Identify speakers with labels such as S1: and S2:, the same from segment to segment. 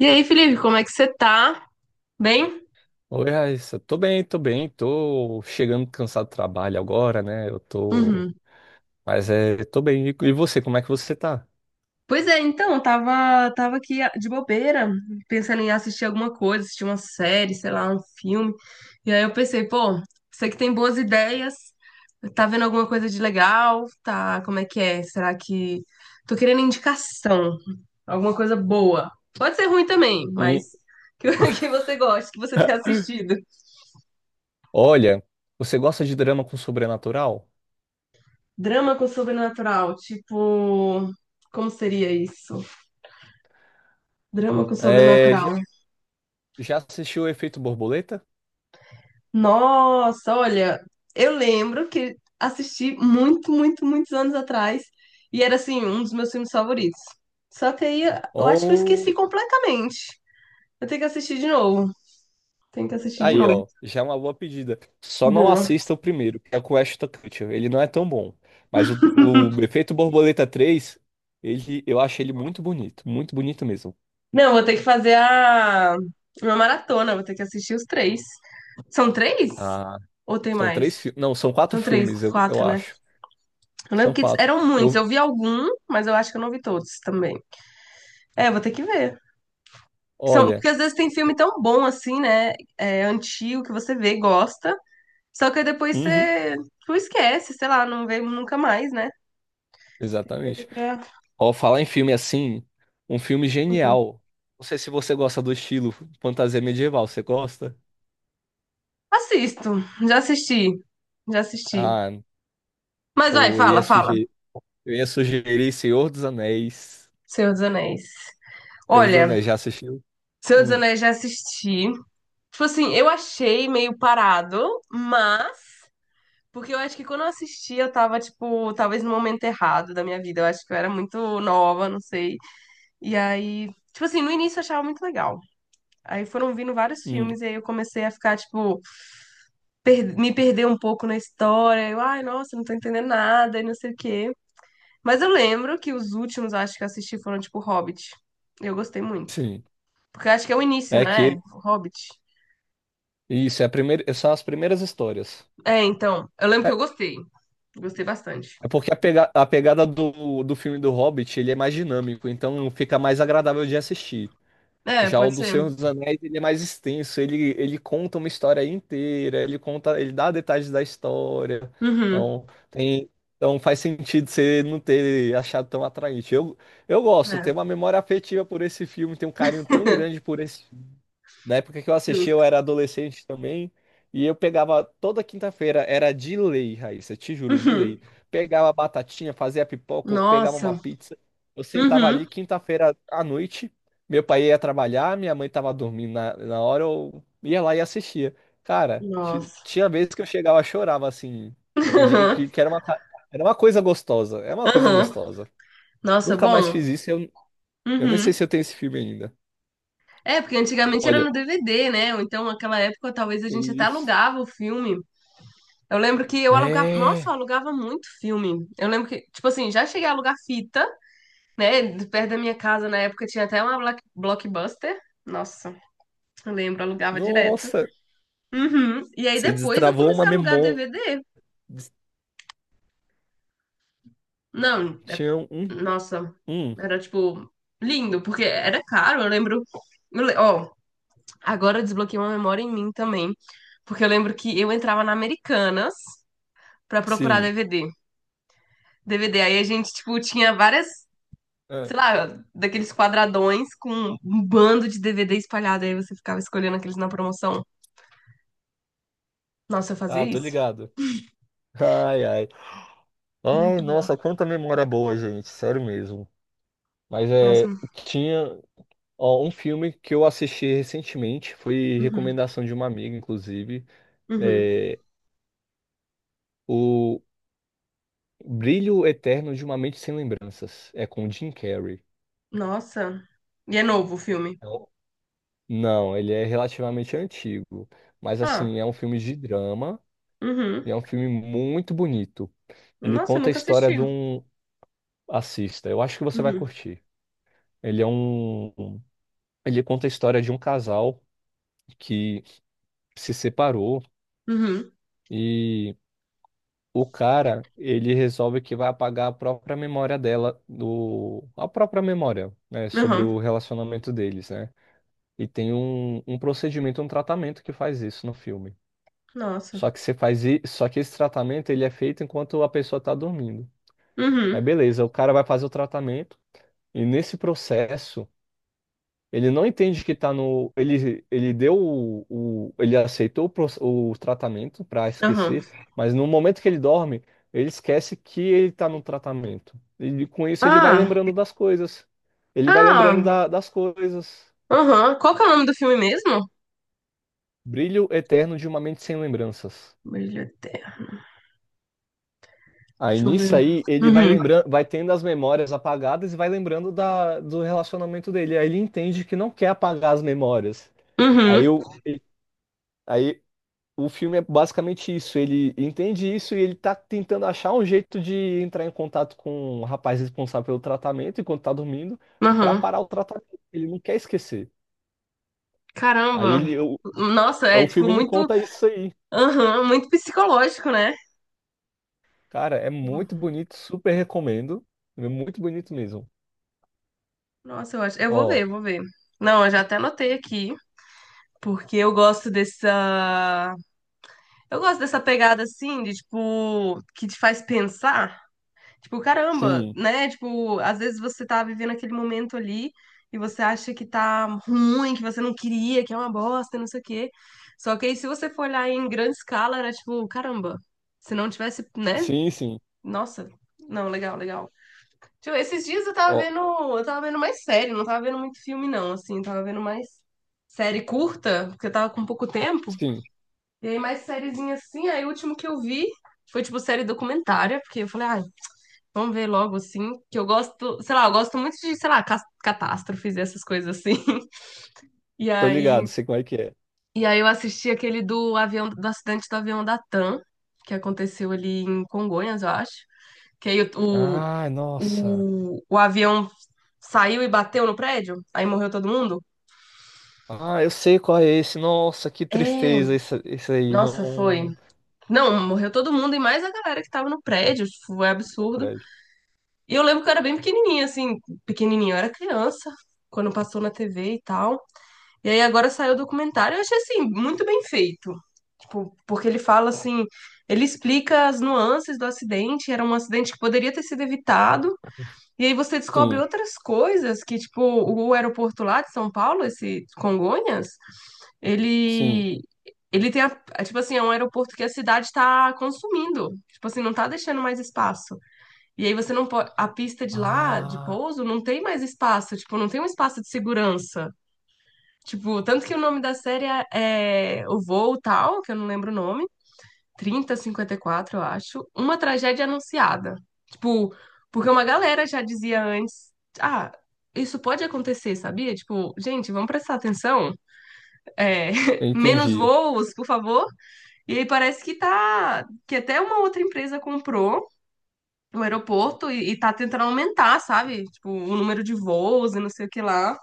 S1: E aí, Felipe, como é que você tá? Bem?
S2: Oi, Raíssa. Tô bem, tô bem. Tô chegando cansado do trabalho agora, né? Eu tô.
S1: Uhum.
S2: Mas é, tô bem. E você, como é que você tá?
S1: Pois é, então, tava aqui de bobeira, pensando em assistir alguma coisa, assistir uma série, sei lá, um filme. E aí eu pensei, pô, você que tem boas ideias, tá vendo alguma coisa de legal? Tá, como é que é? Será que. Tô querendo indicação, alguma coisa boa. Pode ser ruim também, mas
S2: Hum,
S1: que, que você goste, que você tenha assistido.
S2: Olha, você gosta de drama com sobrenatural?
S1: Drama com sobrenatural, tipo, como seria isso? Drama com
S2: É, já
S1: sobrenatural.
S2: já assistiu o Efeito Borboleta?
S1: Nossa, olha, eu lembro que assisti muito, muito, muitos anos atrás e era assim, um dos meus filmes favoritos. Só que aí eu acho que eu esqueci
S2: Ou.
S1: completamente. Eu tenho que assistir de novo. Tenho que assistir de
S2: Aí,
S1: novo.
S2: ó, já é uma boa pedida. Só não
S1: Boa.
S2: assista o primeiro, que é com o Ashton Kutcher. Ele não é tão bom. Mas o Efeito Borboleta 3, eu acho ele muito bonito. Muito bonito mesmo.
S1: Não, vou ter que fazer a uma maratona, vou ter que assistir os três. São três?
S2: Ah,
S1: Ou tem
S2: são
S1: mais?
S2: três filmes. Não, são quatro
S1: São três,
S2: filmes, eu
S1: quatro, né?
S2: acho.
S1: Eu lembro
S2: São
S1: que
S2: quatro.
S1: eram muitos.
S2: Eu,
S1: Eu vi algum, mas eu acho que eu não vi todos também. É, vou ter que ver. São,
S2: olha,
S1: porque às vezes tem filme tão bom assim, né? É, antigo, que você vê, gosta. Só que aí depois
S2: uhum,
S1: você tu esquece, sei lá, não vê nunca mais, né? Tem que ver
S2: exatamente.
S1: pra-
S2: Ó, falar em filme assim, um filme genial. Não sei se você gosta do estilo fantasia medieval, você gosta?
S1: Assisto, já assisti, já assisti.
S2: Ah,
S1: Mas vai,
S2: pô,
S1: fala, fala.
S2: eu ia sugerir Senhor dos Anéis.
S1: Senhor dos Anéis.
S2: Senhor dos
S1: Olha,
S2: Anéis, já assistiu?
S1: Senhor dos
S2: Hum,
S1: Anéis já assisti. Tipo assim, eu achei meio parado, mas. Porque eu acho que quando eu assisti, eu tava, tipo, talvez no momento errado da minha vida. Eu acho que eu era muito nova, não sei. E aí, tipo assim, no início eu achava muito legal. Aí foram vindo vários
S2: hum,
S1: filmes, e aí eu comecei a ficar, tipo, me perder um pouco na história. Ai, nossa, não tô entendendo nada e não sei o quê. Mas eu lembro que os últimos, acho que eu assisti, foram, tipo, Hobbit. Eu gostei muito.
S2: sim.
S1: Porque eu acho que é o início,
S2: É
S1: né?
S2: que
S1: Hobbit.
S2: isso é a primeira, são as primeiras histórias.
S1: É, então. Eu lembro que
S2: É
S1: eu gostei. Gostei bastante.
S2: é porque a pegada do filme do Hobbit, ele é mais dinâmico, então fica mais agradável de assistir.
S1: É,
S2: Já o
S1: pode
S2: do
S1: ser.
S2: Senhor dos Anéis, ele é mais extenso, ele conta uma história inteira, ele dá detalhes da história.
S1: Uhum.
S2: Então, tem, então faz sentido você não ter achado tão atraente. Eu gosto, tenho
S1: É.
S2: uma memória afetiva por esse filme, tenho um carinho tão grande por esse. Na época que eu assisti, eu
S1: Justo.
S2: era adolescente também. E eu pegava toda quinta-feira, era de lei, Raíssa, te juro, de lei.
S1: Uhum.
S2: Pegava a batatinha, fazia pipoca, ou pegava uma
S1: Nossa.
S2: pizza. Eu sentava ali
S1: Uhum.
S2: quinta-feira à noite. Meu pai ia trabalhar, minha mãe tava dormindo na hora, eu ia lá e assistia. Cara,
S1: Nossa.
S2: tinha vezes que eu chegava, chorava assim, de, que era uma, ca- era uma coisa gostosa, é uma coisa
S1: Uhum. Uhum.
S2: gostosa.
S1: Nossa,
S2: Nunca mais
S1: bom.
S2: fiz isso, eu nem sei
S1: Uhum.
S2: se eu tenho esse filme ainda.
S1: É, porque antigamente era
S2: Olha,
S1: no DVD, né? Ou então, naquela época, talvez a gente até
S2: isso.
S1: alugava o filme. Eu lembro que eu alugava. Nossa, eu
S2: É.
S1: alugava muito filme. Eu lembro que, tipo assim, já cheguei a alugar fita, né? De Perto da minha casa, na época, tinha até uma Blockbuster. Nossa, eu lembro, alugava direto.
S2: Nossa,
S1: Uhum. E aí
S2: você
S1: depois eu
S2: destravou uma
S1: comecei a alugar
S2: memória.
S1: DVD.
S2: Des-
S1: Não,
S2: Tinha um,
S1: nossa,
S2: um,
S1: era tipo lindo, porque era caro. Eu lembro. Ó, agora eu desbloqueei uma memória em mim também, porque eu lembro que eu entrava na Americanas pra procurar
S2: sim.
S1: DVD. DVD, aí a gente, tipo, tinha várias,
S2: É.
S1: sei lá, daqueles quadradões com um bando de DVD espalhado, aí você ficava escolhendo aqueles na promoção. Nossa, eu fazia
S2: Ah, tô
S1: isso.
S2: ligado. Ai, ai. Ai,
S1: Muito bom.
S2: nossa, quanta memória boa, gente. Sério mesmo. Mas
S1: Nossa.
S2: é, tinha, ó, um filme que eu assisti recentemente, foi
S1: Uhum.
S2: recomendação de uma amiga, inclusive.
S1: Uhum.
S2: É, o Brilho Eterno de uma Mente Sem Lembranças. É com Jim Carrey.
S1: Nossa. E é novo o filme.
S2: É um- Não, ele é relativamente antigo. Mas
S1: Ah.
S2: assim, é um filme de drama.
S1: Uhum.
S2: E é um filme muito bonito. Ele
S1: Nossa, eu
S2: conta a
S1: nunca
S2: história
S1: assisti.
S2: de um. Assista, eu acho que você vai
S1: Uhum.
S2: curtir. Ele é um. um- Ele conta a história de um casal que se separou
S1: Uhum.
S2: e o cara, ele resolve que vai apagar a própria memória dela, a própria memória, né, sobre
S1: Uhum.
S2: o relacionamento deles, né? E tem um procedimento, um tratamento que faz isso no filme.
S1: Nossa.
S2: Só que você faz i- Só que esse tratamento ele é feito enquanto a pessoa tá dormindo. Aí
S1: Uhum.
S2: beleza, o cara vai fazer o tratamento. E nesse processo, ele não entende que está no. Ele aceitou o tratamento para
S1: Aham.
S2: esquecer, mas no momento que ele dorme, ele esquece que ele está no tratamento. E com isso ele vai
S1: Ah,
S2: lembrando das coisas. Ele vai lembrando
S1: ah,
S2: das coisas.
S1: Aham. Qual que é o nome do filme mesmo?
S2: Brilho eterno de uma mente sem lembranças.
S1: Brilho Eterno.
S2: Aí
S1: Deixa eu ver.
S2: nisso aí, ele vai
S1: Uhum.
S2: lembrando, vai tendo as memórias apagadas e vai lembrando do relacionamento dele. Aí ele entende que não quer apagar as memórias. Aí,
S1: Uhum.
S2: eu, aí, o filme é basicamente isso. Ele entende isso e ele tá tentando achar um jeito de entrar em contato com o rapaz responsável pelo tratamento enquanto tá dormindo pra
S1: Aham.
S2: parar o tratamento. Ele não quer esquecer. Aí
S1: Caramba.
S2: ele, o,
S1: Nossa, é
S2: o
S1: tipo
S2: filme ele
S1: muito.
S2: conta isso aí.
S1: Aham, muito psicológico, né?
S2: Cara, é muito bonito, super recomendo. É muito bonito mesmo.
S1: Nossa, eu acho. Eu vou ver,
S2: Ó,
S1: eu vou ver. Não, eu já até anotei aqui, porque eu gosto dessa. Eu gosto dessa pegada assim, de tipo, que te faz pensar. Tipo, caramba,
S2: sim,
S1: né? Tipo, às vezes você tá vivendo aquele momento ali e você acha que tá ruim, que você não queria, que é uma bosta, não sei o quê. Só que aí, se você for olhar em grande escala, era tipo, caramba, se não tivesse, né?
S2: sim, sim.
S1: Nossa, não, legal, legal. Tipo, esses dias eu tava
S2: Ó,
S1: vendo, eu tava vendo mais série, não tava vendo muito filme, não, assim, eu tava vendo mais série curta, porque eu tava com pouco tempo.
S2: sim.
S1: E aí, mais sériezinha assim, aí o último que eu vi foi, tipo, série documentária, porque eu falei, ah, vamos ver logo, assim, que eu gosto, sei lá, eu gosto muito de, sei lá, catástrofes e essas coisas assim. E
S2: Tô
S1: aí,
S2: ligado, sei como é que é.
S1: e aí, eu assisti aquele do avião, do acidente do avião da TAM, que aconteceu ali em Congonhas, eu acho. Que aí o,
S2: Ah, nossa.
S1: o, o avião saiu e bateu no prédio, aí morreu todo mundo.
S2: Ah, eu sei qual é esse. Nossa, que
S1: É,
S2: tristeza esse aí.
S1: nossa, foi.
S2: Não,
S1: Não, morreu todo mundo e mais a galera que tava no prédio, tipo, foi
S2: não
S1: absurdo.
S2: presta.
S1: E eu lembro que eu era bem pequenininha, assim, pequenininha, eu era criança, quando passou na TV e tal. E aí agora saiu o documentário, eu achei assim, muito bem feito. Tipo, porque ele fala assim, ele explica as nuances do acidente, era um acidente que poderia ter sido evitado. E aí você descobre
S2: Sim.
S1: outras coisas que, tipo, o aeroporto lá de São Paulo, esse Congonhas,
S2: Sim,
S1: ele ele tem tipo assim, é um aeroporto que a cidade está consumindo. Tipo assim, não tá deixando mais espaço. E aí você não pode, a pista de lá, de
S2: Ah,
S1: pouso, não tem mais espaço, tipo, não tem um espaço de segurança. Tipo, tanto que o nome da série é O Voo Tal, que eu não lembro o nome, 3054 eu acho, Uma Tragédia Anunciada. Tipo, porque uma galera já dizia antes, ah, isso pode acontecer, sabia? Tipo, gente, vamos prestar atenção, é,
S2: eu
S1: menos
S2: entendi.
S1: voos, por favor. E aí parece que tá, que até uma outra empresa comprou o aeroporto e tá tentando aumentar, sabe? Tipo, o número de voos e não sei o que lá.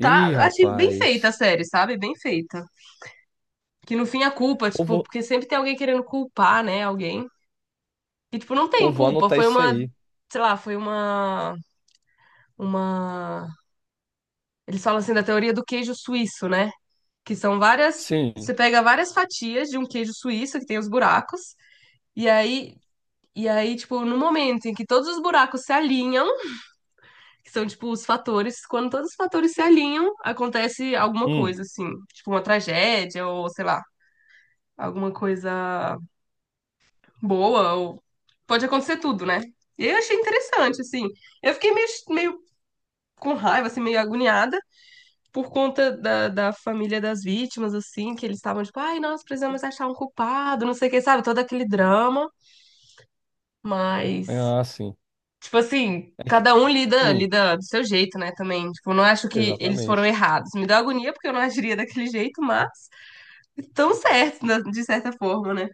S1: Tá,
S2: Ih,
S1: achei bem
S2: rapaz.
S1: feita a série, sabe? Bem feita. Que no fim a culpa,
S2: Pô,
S1: tipo,
S2: vou,
S1: porque sempre tem alguém querendo culpar, né, alguém. E, tipo, não
S2: Pô,
S1: tem
S2: vou
S1: culpa,
S2: anotar
S1: foi
S2: isso
S1: uma,
S2: aí.
S1: sei lá, foi uma, uma. Eles falam assim da teoria do queijo suíço, né? Que são várias,
S2: Sim.
S1: você pega várias fatias de um queijo suíço que tem os buracos, e aí, e aí, tipo, no momento em que todos os buracos se alinham, que são, tipo, os fatores, quando todos os fatores se alinham, acontece alguma
S2: Hum.
S1: coisa, assim, tipo uma tragédia ou, sei lá, alguma coisa boa, ou pode acontecer tudo, né? E eu achei interessante, assim. Eu fiquei meio com raiva, assim, meio agoniada por conta da família das vítimas, assim, que eles estavam tipo, ai, nós precisamos achar um culpado, não sei o que, sabe? Todo aquele drama, mas,
S2: Ah, sim.
S1: tipo assim,
S2: É que.
S1: cada um lida,
S2: Hum,
S1: lida do seu jeito, né, também. Tipo, eu não acho que eles foram
S2: exatamente.
S1: errados. Me deu agonia porque eu não agiria daquele jeito, mas estão certos, de certa forma, né?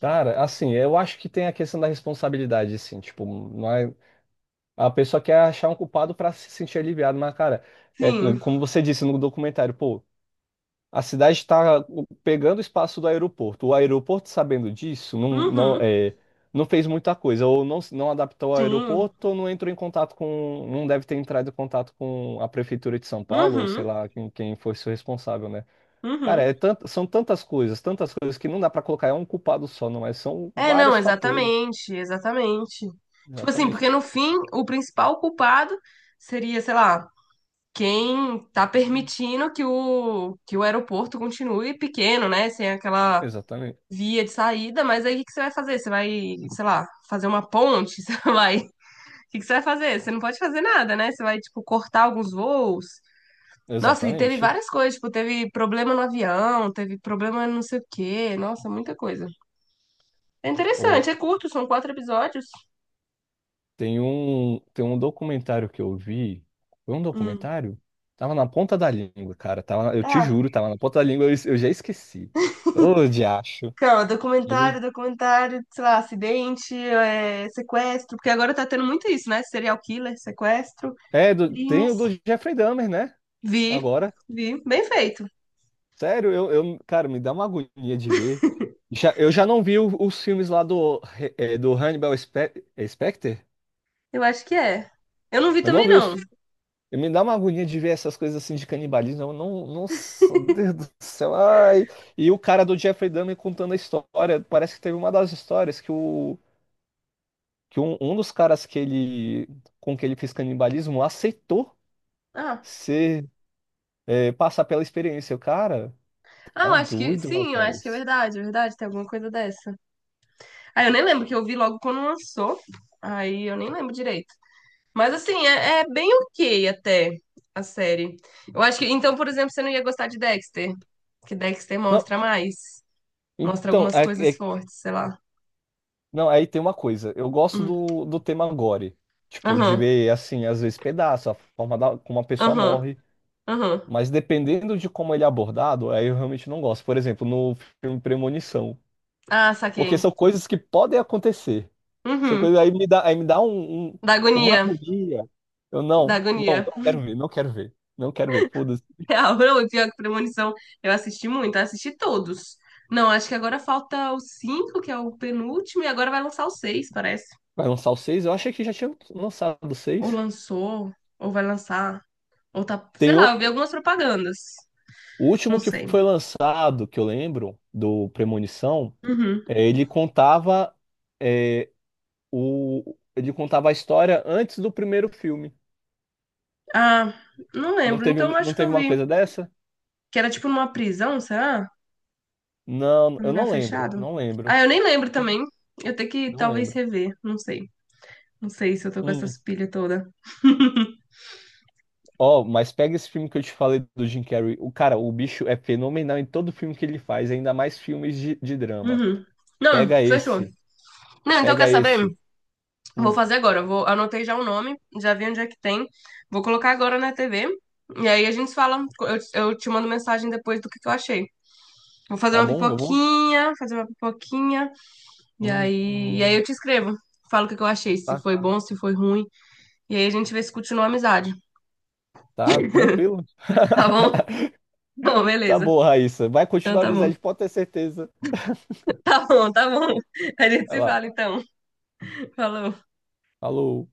S2: Cara, assim, eu acho que tem a questão da responsabilidade, assim, tipo, não é- a pessoa quer achar um culpado pra se sentir aliviado, mas, cara, é
S1: Sim.
S2: como você disse no documentário, pô. A cidade está pegando o espaço do aeroporto. O aeroporto, sabendo disso,
S1: Uhum.
S2: não fez muita coisa, ou não, não adaptou ao
S1: Sim.
S2: aeroporto, ou não entrou em contato com. Não deve ter entrado em contato com a prefeitura de São Paulo, ou sei
S1: Uhum.
S2: lá quem, fosse o responsável, né? Cara,
S1: Uhum.
S2: são tantas coisas que não dá para colocar é um culpado só, não é? São
S1: É, não,
S2: vários fatores.
S1: exatamente, exatamente. Tipo assim,
S2: Exatamente.
S1: porque no fim, o principal culpado seria, sei lá, quem tá permitindo que o aeroporto continue pequeno, né? Sem aquela
S2: Exatamente.
S1: via de saída, mas aí o que que você vai fazer? Você vai, sei lá, fazer uma ponte? Você vai. O que que você vai fazer? Você não pode fazer nada, né? Você vai, tipo, cortar alguns voos. Nossa, e teve
S2: Exatamente.
S1: várias coisas, tipo, teve problema no avião, teve problema no não sei o quê. Nossa, muita coisa. É interessante, é curto, são quatro episódios.
S2: Tem um documentário que eu vi. Foi um
S1: Hum.
S2: documentário? Tava na ponta da língua, cara. Tava, eu te
S1: Ah,
S2: juro, tava na ponta da língua, eu já esqueci. Ô, diacho.
S1: calma,
S2: Mas,
S1: documentário,
S2: hein?
S1: documentário, sei lá, acidente, é, sequestro, porque agora tá tendo muito isso, né? Serial killer, sequestro,
S2: É, tem
S1: crimes.
S2: o do Jeffrey Dahmer, né?
S1: Vi,
S2: Agora.
S1: vi, bem feito.
S2: Sério, eu, cara, me dá uma agonia de ver. Já, eu já não vi os filmes lá do Hannibal Specter.
S1: Eu acho que é. Eu não vi
S2: Eu não
S1: também,
S2: vi
S1: não.
S2: os. E me dá uma agonia de ver essas coisas assim de canibalismo. Eu não, nossa, Deus do céu. Ai. E o cara do Jeffrey Dahmer contando a história. Parece que teve uma das histórias que um dos caras com que ele fez canibalismo aceitou
S1: Ah,
S2: ser, passar pela experiência. O cara
S1: ah,
S2: tá
S1: eu acho que
S2: doido,
S1: sim, eu acho que
S2: rapaz.
S1: é verdade, tem alguma coisa dessa. Ah, eu nem lembro que eu vi logo quando lançou, aí eu nem lembro direito. Mas assim, é bem ok até a série. Eu acho que, então, por exemplo, você não ia gostar de Dexter, que Dexter
S2: Não,
S1: mostra mais. Mostra
S2: então,
S1: algumas coisas
S2: é-
S1: fortes, sei lá.
S2: não, aí tem uma coisa. Eu gosto
S1: Hum.
S2: do tema gore. Tipo, de
S1: Aham,
S2: ver, assim, às vezes pedaço, a forma como a pessoa
S1: aham,
S2: morre.
S1: aham.
S2: Mas dependendo de como ele é abordado, aí eu realmente não gosto. Por exemplo, no filme Premonição.
S1: Ah,
S2: Porque
S1: saquei.
S2: são coisas que podem acontecer. São
S1: Uhum.
S2: coisas aí me dá
S1: Da
S2: uma
S1: agonia,
S2: agonia. Eu
S1: da
S2: não, não,
S1: agonia.
S2: não quero ver, não quero ver. Não quero ver. Foda-se.
S1: Real, não, e pior que Premonição, eu assisti muito, eu assisti todos. Não, acho que agora falta o 5, que é o penúltimo, e agora vai lançar o 6, parece.
S2: Vai lançar o 6. Eu achei que já tinha lançado o
S1: Ou
S2: 6.
S1: lançou, ou vai lançar, ou tá, sei
S2: Tem um,
S1: lá, eu vi algumas propagandas.
S2: o
S1: Não
S2: último que
S1: sei.
S2: foi lançado, que eu lembro, do Premonição,
S1: Uhum.
S2: é, ele contava é, ele contava a história antes do primeiro filme.
S1: Ah, não
S2: Não
S1: lembro.
S2: teve, um,
S1: Então
S2: não
S1: acho que
S2: teve
S1: eu
S2: uma
S1: vi
S2: coisa dessa?
S1: que era tipo numa prisão, será?
S2: Não,
S1: Um
S2: eu
S1: lugar
S2: não lembro,
S1: fechado?
S2: não
S1: Ah,
S2: lembro.
S1: eu nem lembro
S2: Tipo,
S1: também. Eu tenho que
S2: não
S1: talvez
S2: lembro.
S1: rever. Não sei. Não sei se eu tô com essa
S2: Hum.
S1: pilha toda.
S2: Ó, mas pega esse filme que eu te falei do Jim Carrey. O cara, o bicho é fenomenal em todo filme que ele faz, ainda mais filmes de drama.
S1: Uhum. Não,
S2: Pega
S1: fechou.
S2: esse,
S1: Não, então quer
S2: pega
S1: saber?
S2: esse.
S1: Vou
S2: Hum.
S1: fazer agora. Anotei já o nome, já vi onde é que tem. Vou colocar agora na TV. E aí a gente fala. Eu te mando mensagem depois do que eu achei. Vou fazer
S2: Tá
S1: uma
S2: bom? Eu vou.
S1: pipoquinha, fazer uma pipoquinha. E
S2: Hum,
S1: aí, e aí
S2: hum,
S1: eu te escrevo. Falo o que eu achei, se
S2: tá,
S1: foi bom, se foi ruim. E aí a gente vê se continua a amizade.
S2: tá tranquilo.
S1: Tá bom? Não,
S2: Tá
S1: beleza.
S2: bom, Raíssa. Vai
S1: Então
S2: continuar a
S1: tá bom.
S2: amizade, pode ter certeza.
S1: Tá bom, tá bom. A gente
S2: Vai
S1: se
S2: lá.
S1: fala então. Falou.
S2: Falou.